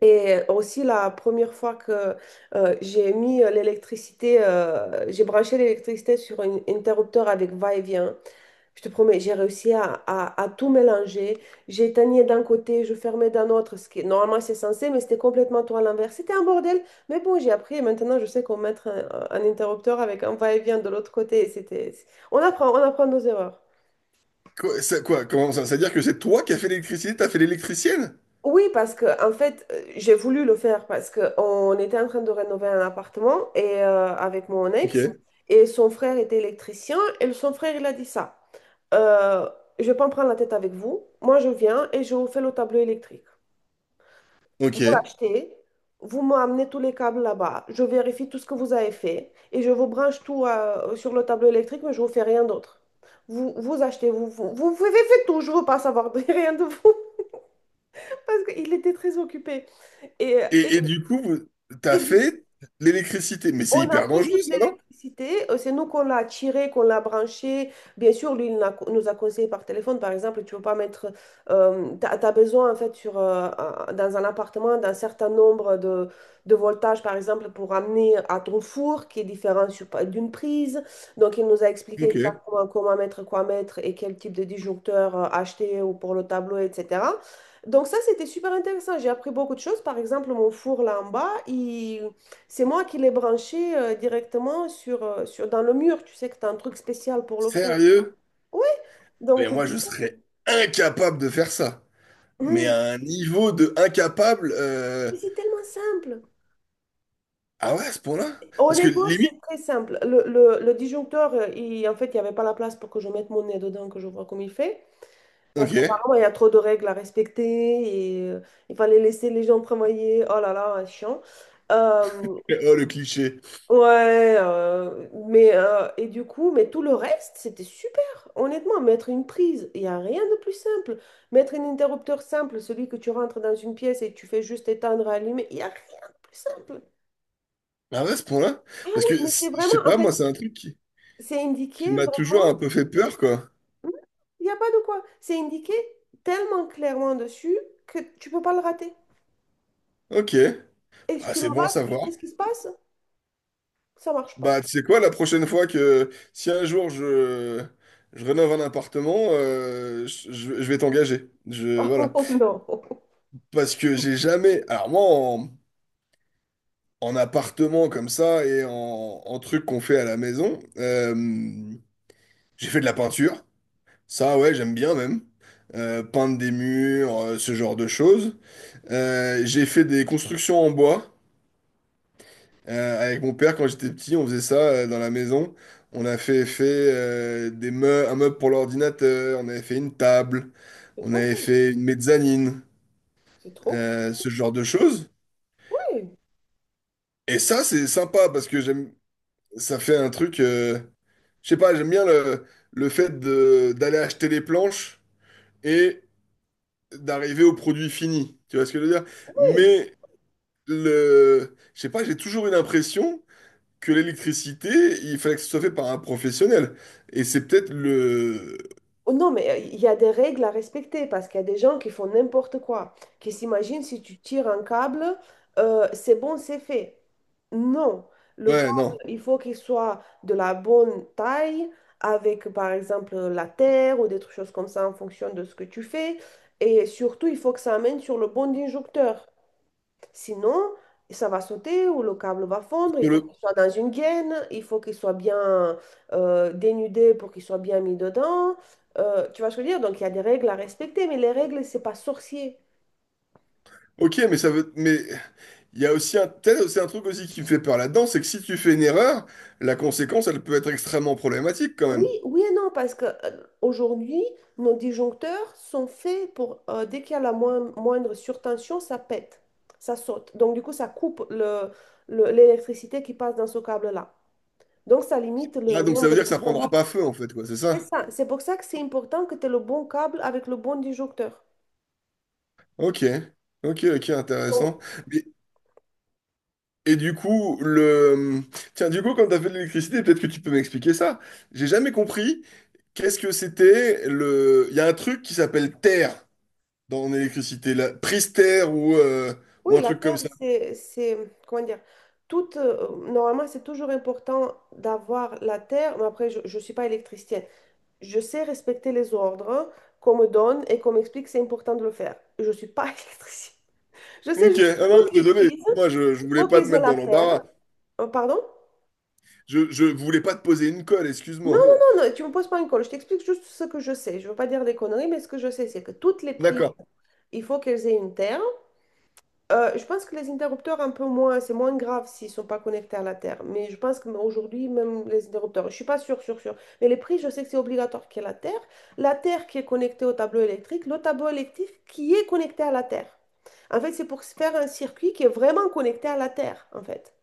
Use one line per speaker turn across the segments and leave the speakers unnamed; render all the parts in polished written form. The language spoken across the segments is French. Et aussi la première fois que j'ai mis l'électricité, j'ai branché l'électricité sur un interrupteur avec va-et-vient. Je te promets, j'ai réussi à tout mélanger. J'éteignais d'un côté, je fermais d'un autre, ce qui normalement c'est censé, mais c'était complètement tout à l'inverse. C'était un bordel, mais bon, j'ai appris et maintenant je sais comment mettre un interrupteur avec un va-et-vient de l'autre côté. On apprend nos erreurs.
Quoi, ça, quoi, comment ça? C'est-à-dire que c'est toi qui as fait l'électricité, t'as fait l'électricienne?
Oui, parce que en fait, j'ai voulu le faire parce que on était en train de rénover un appartement et avec mon ex
Ok,
et son frère était électricien et son frère il a dit ça. Euh, je vais pas me prendre la tête avec vous. Moi, je viens et je vous fais le tableau électrique.
ok.
Vous l'achetez, vous m'amenez tous les câbles là-bas. Je vérifie tout ce que vous avez fait et je vous branche tout sur le tableau électrique, mais je vous fais rien d'autre. Vous achetez, vous faites tout, je veux pas savoir de rien de vous parce qu'il était très occupé. Et,
Et du coup,
Et
t'as
du-
fait l'électricité. Mais c'est
on a
hyper
fait
dangereux,
toute
ça, non?
l'électricité, c'est nous qu'on l'a tirée, qu'on l'a branchée. Bien sûr, lui, il nous a conseillé par téléphone, par exemple, tu peux pas mettre, tu as, besoin en fait sur, dans un appartement d'un certain nombre de voltages, par exemple, pour amener à ton four qui est différent d'une prise. Donc, il nous a expliqué
Ok.
exactement comment mettre, quoi mettre et quel type de disjoncteur acheter ou pour le tableau, etc. Donc ça, c'était super intéressant. J'ai appris beaucoup de choses. Par exemple, mon four là en bas, c'est moi qui l'ai branché directement dans le mur. Tu sais que tu as un truc spécial pour le four.
Sérieux?
Oui,
Mais
donc
moi,
du
je
coup,
serais incapable de faire ça. Mais
hum,
à un niveau de incapable...
mais c'est tellement simple.
Ah ouais, à ce point-là? Parce que
Honnêtement,
limite...
c'est très simple. Le disjoncteur, en fait, il n'y avait pas la place pour que je mette mon nez dedans, que je vois comme il fait. Parce
Ok.
qu'apparemment, il y a trop de règles à respecter et il fallait laisser les gens travailler. Oh là là, chiant. Euh,
Oh, le cliché.
Ouais, mais et du coup, mais tout le reste, c'était super. Honnêtement, mettre une prise, il n'y a rien de plus simple. Mettre un interrupteur simple, celui que tu rentres dans une pièce et tu fais juste éteindre, allumer, il n'y a rien de plus simple.
Ah ouais, à ce point-là?
Oui,
Parce que,
mais c'est
je
vraiment,
sais
en
pas, moi,
fait,
c'est un truc
c'est indiqué
qui m'a toujours
vraiment,
un peu fait peur, quoi.
hmm, il n'y a pas de quoi. C'est indiqué tellement clairement dessus que tu peux pas le rater.
Ok.
Et si
Ah,
tu le
c'est bon à
rates, tu
savoir.
sais ce qui se passe? Ça marche pas.
Bah, tu sais quoi, la prochaine fois que si un jour je rénove un appartement, je vais t'engager. Je, voilà.
Oh non,
Parce que j'ai jamais. Alors, moi, en appartement comme ça et en truc qu'on fait à la maison, j'ai fait de la peinture. Ça, ouais, j'aime bien même. Peindre des murs, ce genre de choses. J'ai fait des constructions en bois. Avec mon père, quand j'étais petit, on faisait ça dans la maison. On a fait un meuble pour l'ordinateur, on avait fait une table,
c'est
on
trop
avait
cool.
fait une mezzanine,
C'est trop
ce genre de choses.
cool. Oui,
Et ça, c'est sympa parce que j'aime, ça fait un truc. Je sais pas, j'aime bien le fait de d'aller acheter les planches et d'arriver au produit fini. Tu vois ce que je veux dire?
oui.
Mais le, je sais pas, j'ai toujours eu l'impression que l'électricité, il fallait que ce soit fait par un professionnel. Et c'est peut-être le...
Oh non, mais il y a des règles à respecter parce qu'il y a des gens qui font n'importe quoi, qui s'imaginent si tu tires un câble, c'est bon, c'est fait. Non, le
Ouais,
câble,
non.
il faut qu'il soit de la bonne taille, avec par exemple la terre ou des choses comme ça en fonction de ce que tu fais. Et surtout, il faut que ça amène sur le bon injecteur. Sinon, ça va sauter ou le câble va fondre. Il
Sur
faut
le-
qu'il soit dans une gaine, il faut qu'il soit bien dénudé pour qu'il soit bien mis dedans. Tu vois ce que je veux dire? Donc, il y a des règles à respecter, mais les règles, c'est pas sorcier.
Ok, mais ça veut... Mais il y a aussi un... peut-être aussi un truc aussi qui me fait peur là-dedans, c'est que si tu fais une erreur, la conséquence, elle peut être extrêmement problématique quand
Oui,
même.
oui et non, parce que aujourd'hui, nos disjoncteurs sont faits pour, dès qu'il y a la moindre surtension, ça pète, ça saute. Donc, du coup, ça coupe l'électricité qui passe dans ce câble-là. Donc, ça limite
Ah,
le
donc ça veut
nombre
dire que ça prendra
d'incendies.
pas feu, en fait, quoi, c'est
C'est
ça?
ça, c'est pour ça que c'est important que tu aies le bon câble avec le bon disjoncteur.
Ok. Ok, ok, intéressant.
Oh,
Mais- Et du coup, le... Tiens, du coup, quand t'as fait de l'électricité, peut-être que tu peux m'expliquer ça. J'ai jamais compris qu'est-ce que c'était le... Il y a un truc qui s'appelle terre dans l'électricité, la Prister ou
oui,
un
la
truc comme
Terre,
ça.
comment dire, toute, normalement, c'est toujours important d'avoir la Terre, mais après, je ne suis pas électricienne. Je sais respecter les ordres qu'on me donne et qu'on m'explique, c'est important de le faire. Je ne suis pas électricienne. Je sais
Ok,
juste que
ah non,
toutes les
désolé,
prises,
moi je voulais
faut
pas te
qu'elles aient
mettre
la
dans
Terre.
l'embarras.
Pardon?
Je voulais pas te poser une colle,
Non,
excuse-moi.
non, non, non, tu me poses pas une colle. Je t'explique juste ce que je sais. Je veux pas dire des conneries, mais ce que je sais, c'est que toutes les prises,
D'accord.
il faut qu'elles aient une Terre. Je pense que les interrupteurs, un peu moins, c'est moins grave s'ils ne sont pas connectés à la Terre. Mais je pense qu'aujourd'hui, même les interrupteurs, je ne suis pas sûre, sûre, sûre. Mais les prix, je sais que c'est obligatoire qu'il y ait la Terre. La Terre qui est connectée au tableau électrique, le tableau électrique qui est connecté à la Terre. En fait, c'est pour se faire un circuit qui est vraiment connecté à la Terre, en fait.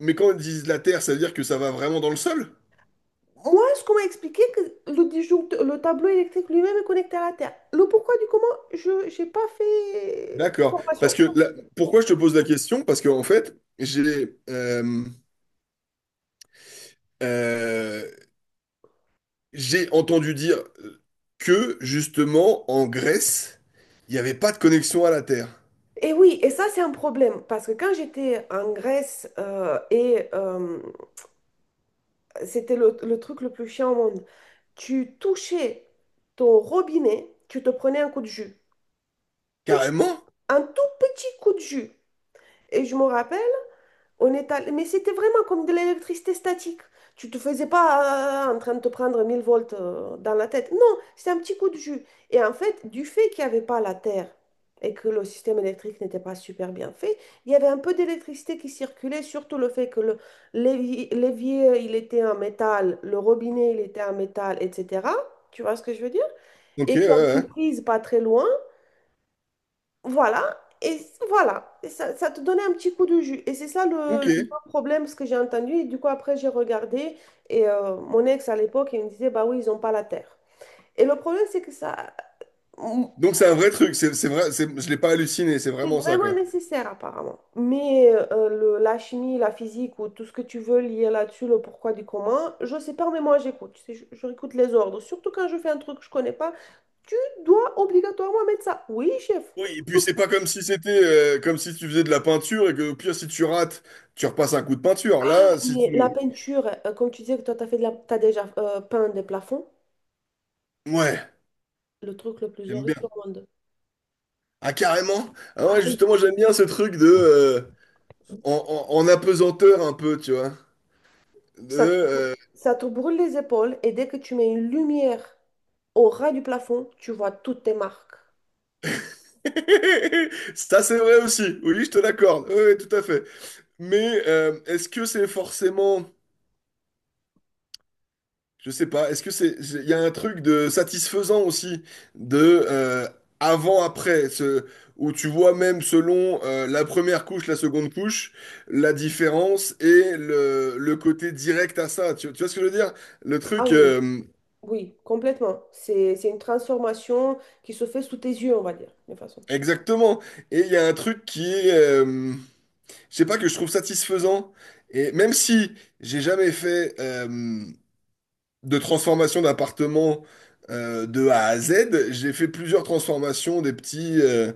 Mais quand ils disent la terre, ça veut dire que ça va vraiment dans le sol?
Moi, ce qu'on m'a expliqué, que le le tableau électrique lui-même est connecté à la Terre. Le pourquoi du comment, je n'ai pas fait
D'accord. Parce
formation.
que
O-
pourquoi je te pose la question? Parce que en fait, euh, j'ai entendu dire que justement en Grèce, il n'y avait pas de connexion à la terre.
Et oui, et ça c'est un problème, parce que quand j'étais en Grèce, et c'était le truc le plus chiant au monde, tu touchais ton robinet, tu te prenais un coup de jus,
Carrément?
un tout petit coup de jus. Et je me rappelle, mais c'était vraiment comme de l'électricité statique. Tu te faisais pas en train de te prendre 1 000 volts dans la tête. Non, c'était un petit coup de jus. Et en fait, du fait qu'il n'y avait pas la terre et que le système électrique n'était pas super bien fait, il y avait un peu d'électricité qui circulait, surtout le fait que l'évier, il était en métal, le robinet, il était en métal, etc. Tu vois ce que je veux dire?
Ok,
Et
ouais,
qu'il y avait une
ouais.
prise pas très loin. Voilà, et voilà, et ça te donnait un petit coup de jus. Et c'est ça le,
Ok.
le grand problème, ce que j'ai entendu. Et du coup, après, j'ai regardé, et mon ex à l'époque, il me disait, bah oui, ils n'ont pas la terre. Et le problème, c'est que ça,
Donc c'est un vrai truc, c'est vrai, je l'ai pas halluciné, c'est
c'est
vraiment ça
vraiment
quoi.
nécessaire, apparemment. Mais la chimie, la physique, ou tout ce que tu veux lier là-dessus, le pourquoi du comment, je sais pas, mais moi, j'écoute. Tu sais, je réécoute les ordres. Surtout quand je fais un truc que je connais pas, tu dois obligatoirement mettre ça. Oui, chef.
Oui, et puis c'est pas comme si c'était comme si tu faisais de la peinture et que au pire si tu rates, tu repasses un coup de peinture.
Ah,
Là, si
mais la
tu
peinture, comme tu disais que toi, t'as fait de la... t'as déjà peint des plafonds,
Ouais,
le truc le plus
j'aime
horrible
bien.
au monde.
Ah carrément? Ah
Ah,
ouais, justement, j'aime bien ce truc de en, en apesanteur un peu, tu vois. De,
ça te... ça te brûle les épaules et dès que tu mets une lumière au ras du plafond, tu vois toutes tes marques.
Ça c'est vrai aussi. Oui, je te l'accorde. Oui, oui, tout à fait. Mais est-ce que c'est forcément je sais pas, est-ce que il y a un truc de satisfaisant aussi, de avant-après, où tu vois même selon la première couche, la seconde couche, la différence et le côté direct à ça. Tu vois ce que je veux dire? Le
Ah
truc,
oui, oui, complètement. C'est une transformation qui se fait sous tes yeux, on va dire, de façon.
exactement. Et il y a un truc qui est, je sais pas, que je trouve satisfaisant. Et même si j'ai jamais fait, de transformation d'appartement de A à Z. J'ai fait plusieurs transformations, euh,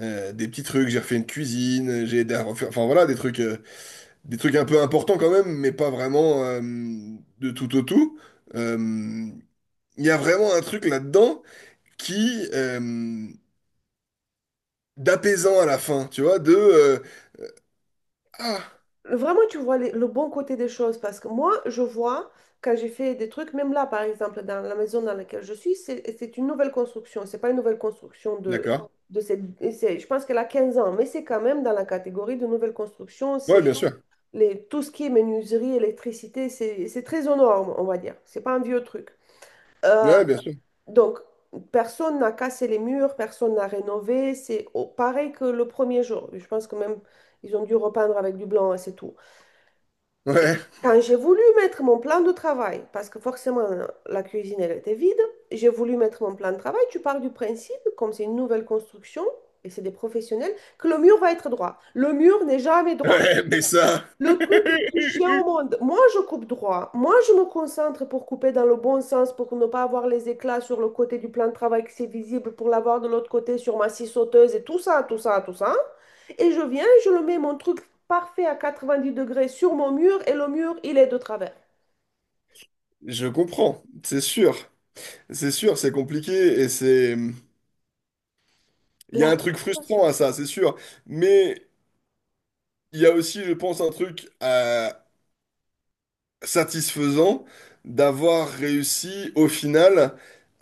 euh, des petits trucs. J'ai refait une cuisine, j'ai aidé à refaire, enfin voilà, des trucs un peu importants quand même, mais pas vraiment de tout au tout. Euh, Il y a vraiment un truc là-dedans qui, d'apaisant à la fin, tu vois, de ah,
Vraiment, tu vois le bon côté des choses parce que moi, je vois quand j'ai fait des trucs, même là, par exemple, dans la maison dans laquelle je suis, c'est une nouvelle construction. C'est pas une nouvelle construction de,
d'accord,
de cette. Je pense qu'elle a 15 ans, mais c'est quand même dans la catégorie de nouvelle construction.
ouais,
C'est
bien sûr,
tout ce qui est menuiserie, électricité, c'est très aux normes, on va dire. C'est pas un vieux truc. Euh,
ouais, bien sûr,
donc, personne n'a cassé les murs, personne n'a rénové. C'est pareil que le premier jour. Je pense que même, ils ont dû repeindre avec du blanc et c'est tout.
ouais,
Quand j'ai voulu mettre mon plan de travail, parce que forcément la cuisine elle était vide, j'ai voulu mettre mon plan de travail. Tu pars du principe, comme c'est une nouvelle construction et c'est des professionnels, que le mur va être droit. Le mur n'est jamais droit.
ouais, mais ça,
Le truc le plus chiant au monde, moi je coupe droit, moi je me concentre pour couper dans le bon sens, pour ne pas avoir les éclats sur le côté du plan de travail que c'est visible, pour l'avoir de l'autre côté sur ma scie sauteuse et tout ça, tout ça, tout ça. Et je viens, je le mets mon truc parfait à 90 degrés sur mon mur et le mur il est de travers.
je comprends, c'est sûr. C'est sûr, c'est compliqué et c'est. Il y a
La
un truc frustrant
rénovation.
à ça, c'est sûr. Mais il y a aussi, je pense, un truc satisfaisant d'avoir réussi au final,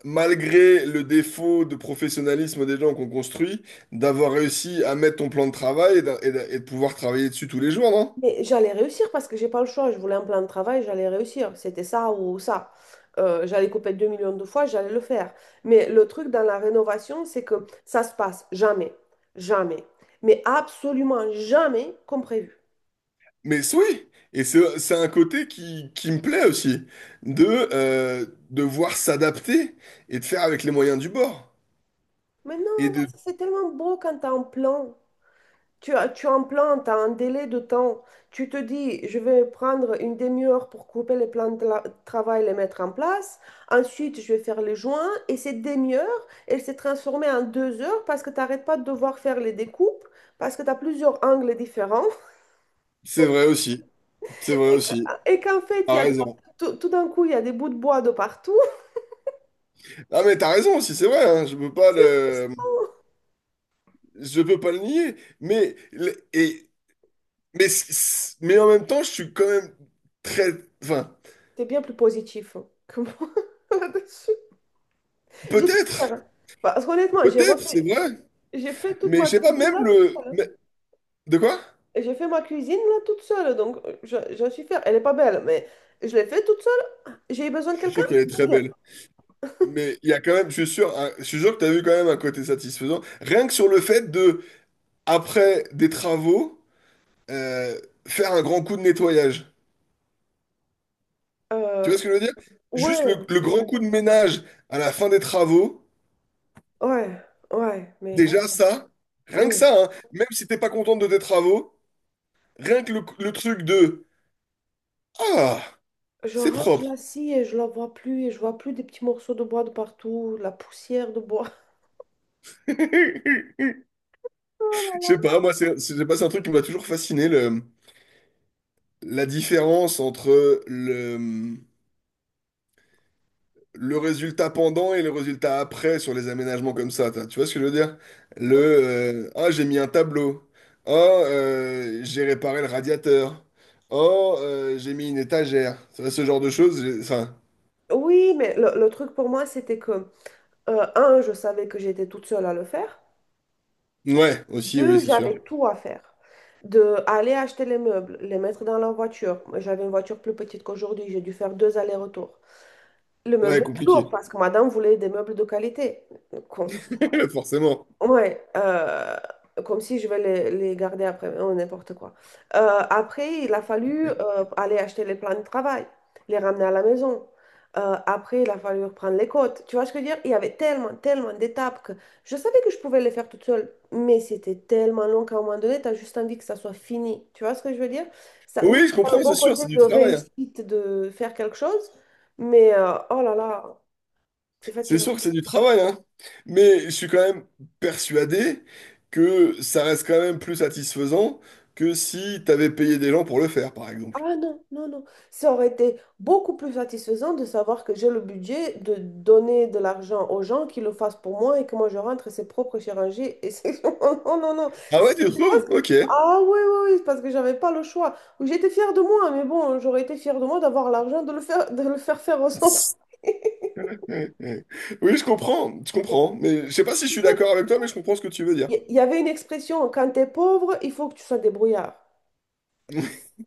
malgré le défaut de professionnalisme des gens qu'on construit, d'avoir réussi à mettre ton plan de travail et, et de pouvoir travailler dessus tous les jours, non?
Mais j'allais réussir parce que j'ai pas le choix. Je voulais un plan de travail, j'allais réussir. C'était ça ou ça. J'allais couper 2 millions de fois, j'allais le faire. Mais le truc dans la rénovation, c'est que ça se passe jamais, jamais, mais absolument jamais comme prévu.
Mais c'est- oui! Et c'est un côté qui me plaît aussi, de euh, devoir s'adapter et de faire avec les moyens du bord.
Mais non,
Et de.
parce que c'est tellement beau quand t'as un plan. Tu implantes à un délai de temps. Tu te dis, je vais prendre une demi-heure pour couper les plans de travail, les mettre en place. Ensuite, je vais faire les joints. Et cette demi-heure, elle s'est transformée en 2 heures parce que tu n'arrêtes pas de devoir faire les découpes, parce que tu as plusieurs angles différents.
C'est vrai aussi. C'est vrai aussi.
Et qu'en fait, il
T'as
y a
raison.
tout, tout d'un coup, il y a des bouts de bois de partout.
Ah mais t'as raison aussi, c'est vrai, hein,
C'est frustrant.
je peux pas le nier, mais mais mais en même temps, je suis quand même très enfin,
T'es bien plus positif que moi là-dessus. J'étais
peut-être,
fière. Parce qu'honnêtement,
peut-être, c'est vrai,
j'ai fait toute
mais je
ma
sais pas
cuisine
même
là toute
le
seule.
mais- de quoi?
Et j'ai fait ma cuisine là toute seule, donc je suis fière. Elle est pas belle, mais je l'ai fait toute seule. J'ai eu besoin
Je
de
suis
quelqu'un?
sûr qu'elle est très
Nickel.
belle. Mais il y a quand même, je suis sûr, hein, je suis sûr que t'as vu quand même un côté satisfaisant. Rien que sur le fait de, après des travaux, euh, faire un grand coup de nettoyage. Tu
Euh,
vois ce que je veux dire? Juste
ouais,
le grand coup de ménage à la fin des travaux,
ouais, ouais, mais
déjà ça, rien que ça,
ouais.
hein, même si t'es pas contente de tes travaux, rien que le truc de Ah,
Je
c'est
range
propre.
la scie et je la vois plus et je vois plus des petits morceaux de bois de partout, la poussière de bois.
Je sais pas, moi, je sais pas, c'est un truc qui m'a toujours fasciné, le, la différence entre le, le résultat pendant et le résultat après sur les aménagements comme ça, tu vois ce que je veux dire? Le ah j'ai mis un tableau, ah j'ai réparé le radiateur, oh j'ai mis une étagère, ça, ce genre de choses, enfin
Oui, mais le truc pour moi, c'était que, un, je savais que j'étais toute seule à le faire.
ouais aussi oui
Deux,
c'est sûr,
j'avais tout à faire. De aller acheter les meubles, les mettre dans la voiture. Moi, j'avais une voiture plus petite qu'aujourd'hui, j'ai dû faire 2 allers-retours. Le meuble
ouais
est lourd
compliqué
parce que madame voulait des meubles de qualité. Con.
forcément.
Ouais, comme si je vais les garder après, oh, n'importe quoi. Après, il a fallu aller acheter les plans de travail, les ramener à la maison. Après, il a fallu reprendre les côtes. Tu vois ce que je veux dire? Il y avait tellement, tellement d'étapes que je savais que je pouvais les faire toute seule, mais c'était tellement long qu'à un moment donné, tu as juste envie que ça soit fini. Tu vois ce que je veux dire? Ça, oui,
Oui je
t'as le
comprends c'est
bon
sûr
côté
c'est du
de
travail, hein.
réussite de faire quelque chose, mais oh là là. C'est
C'est
fatigant.
sûr que c'est du travail hein, mais je suis quand même persuadé que ça reste quand même plus satisfaisant que si t'avais payé des gens pour le faire par exemple.
Ah non, non, non. Ça aurait été beaucoup plus satisfaisant de savoir que j'ai le budget de donner de l'argent aux gens qui le fassent pour moi et que moi je rentre ses propres chirurgies. Et c'est... Oh non, non, non.
Ah
C'est
ouais, tu
parce
trouves?
que...
Ok.
Ah oui, oui, oui, c'est parce que j'avais pas le choix. Oui, j'étais fière de moi, mais bon, j'aurais été fière de moi d'avoir l'argent de le faire faire au centre.
Ouais, ouais. Oui, je comprends, je comprends. Mais je sais pas si je
Tu
suis
sais,
d'accord avec toi, mais je comprends ce que tu veux dire.
Il y avait une expression, quand t'es pauvre, il faut que tu sois débrouillard.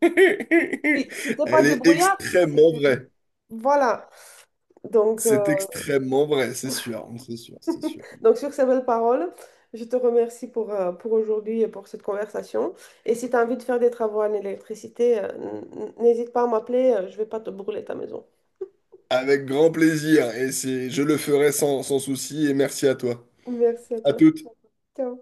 Si t'es pas
Elle est
débrouillard, c'est
extrêmement
que...
vraie.
Voilà. Donc... euh,
C'est extrêmement vrai, c'est sûr, c'est sûr, c'est sûr.
Donc, sur ces belles paroles, je te remercie pour aujourd'hui et pour cette conversation. Et si tu as envie de faire des travaux en électricité, n'hésite pas à m'appeler, je vais pas te brûler ta maison.
Avec grand plaisir, et c'est, je le ferai sans, sans souci, et merci à toi.
Merci à
À
toi.
toutes.
Ciao.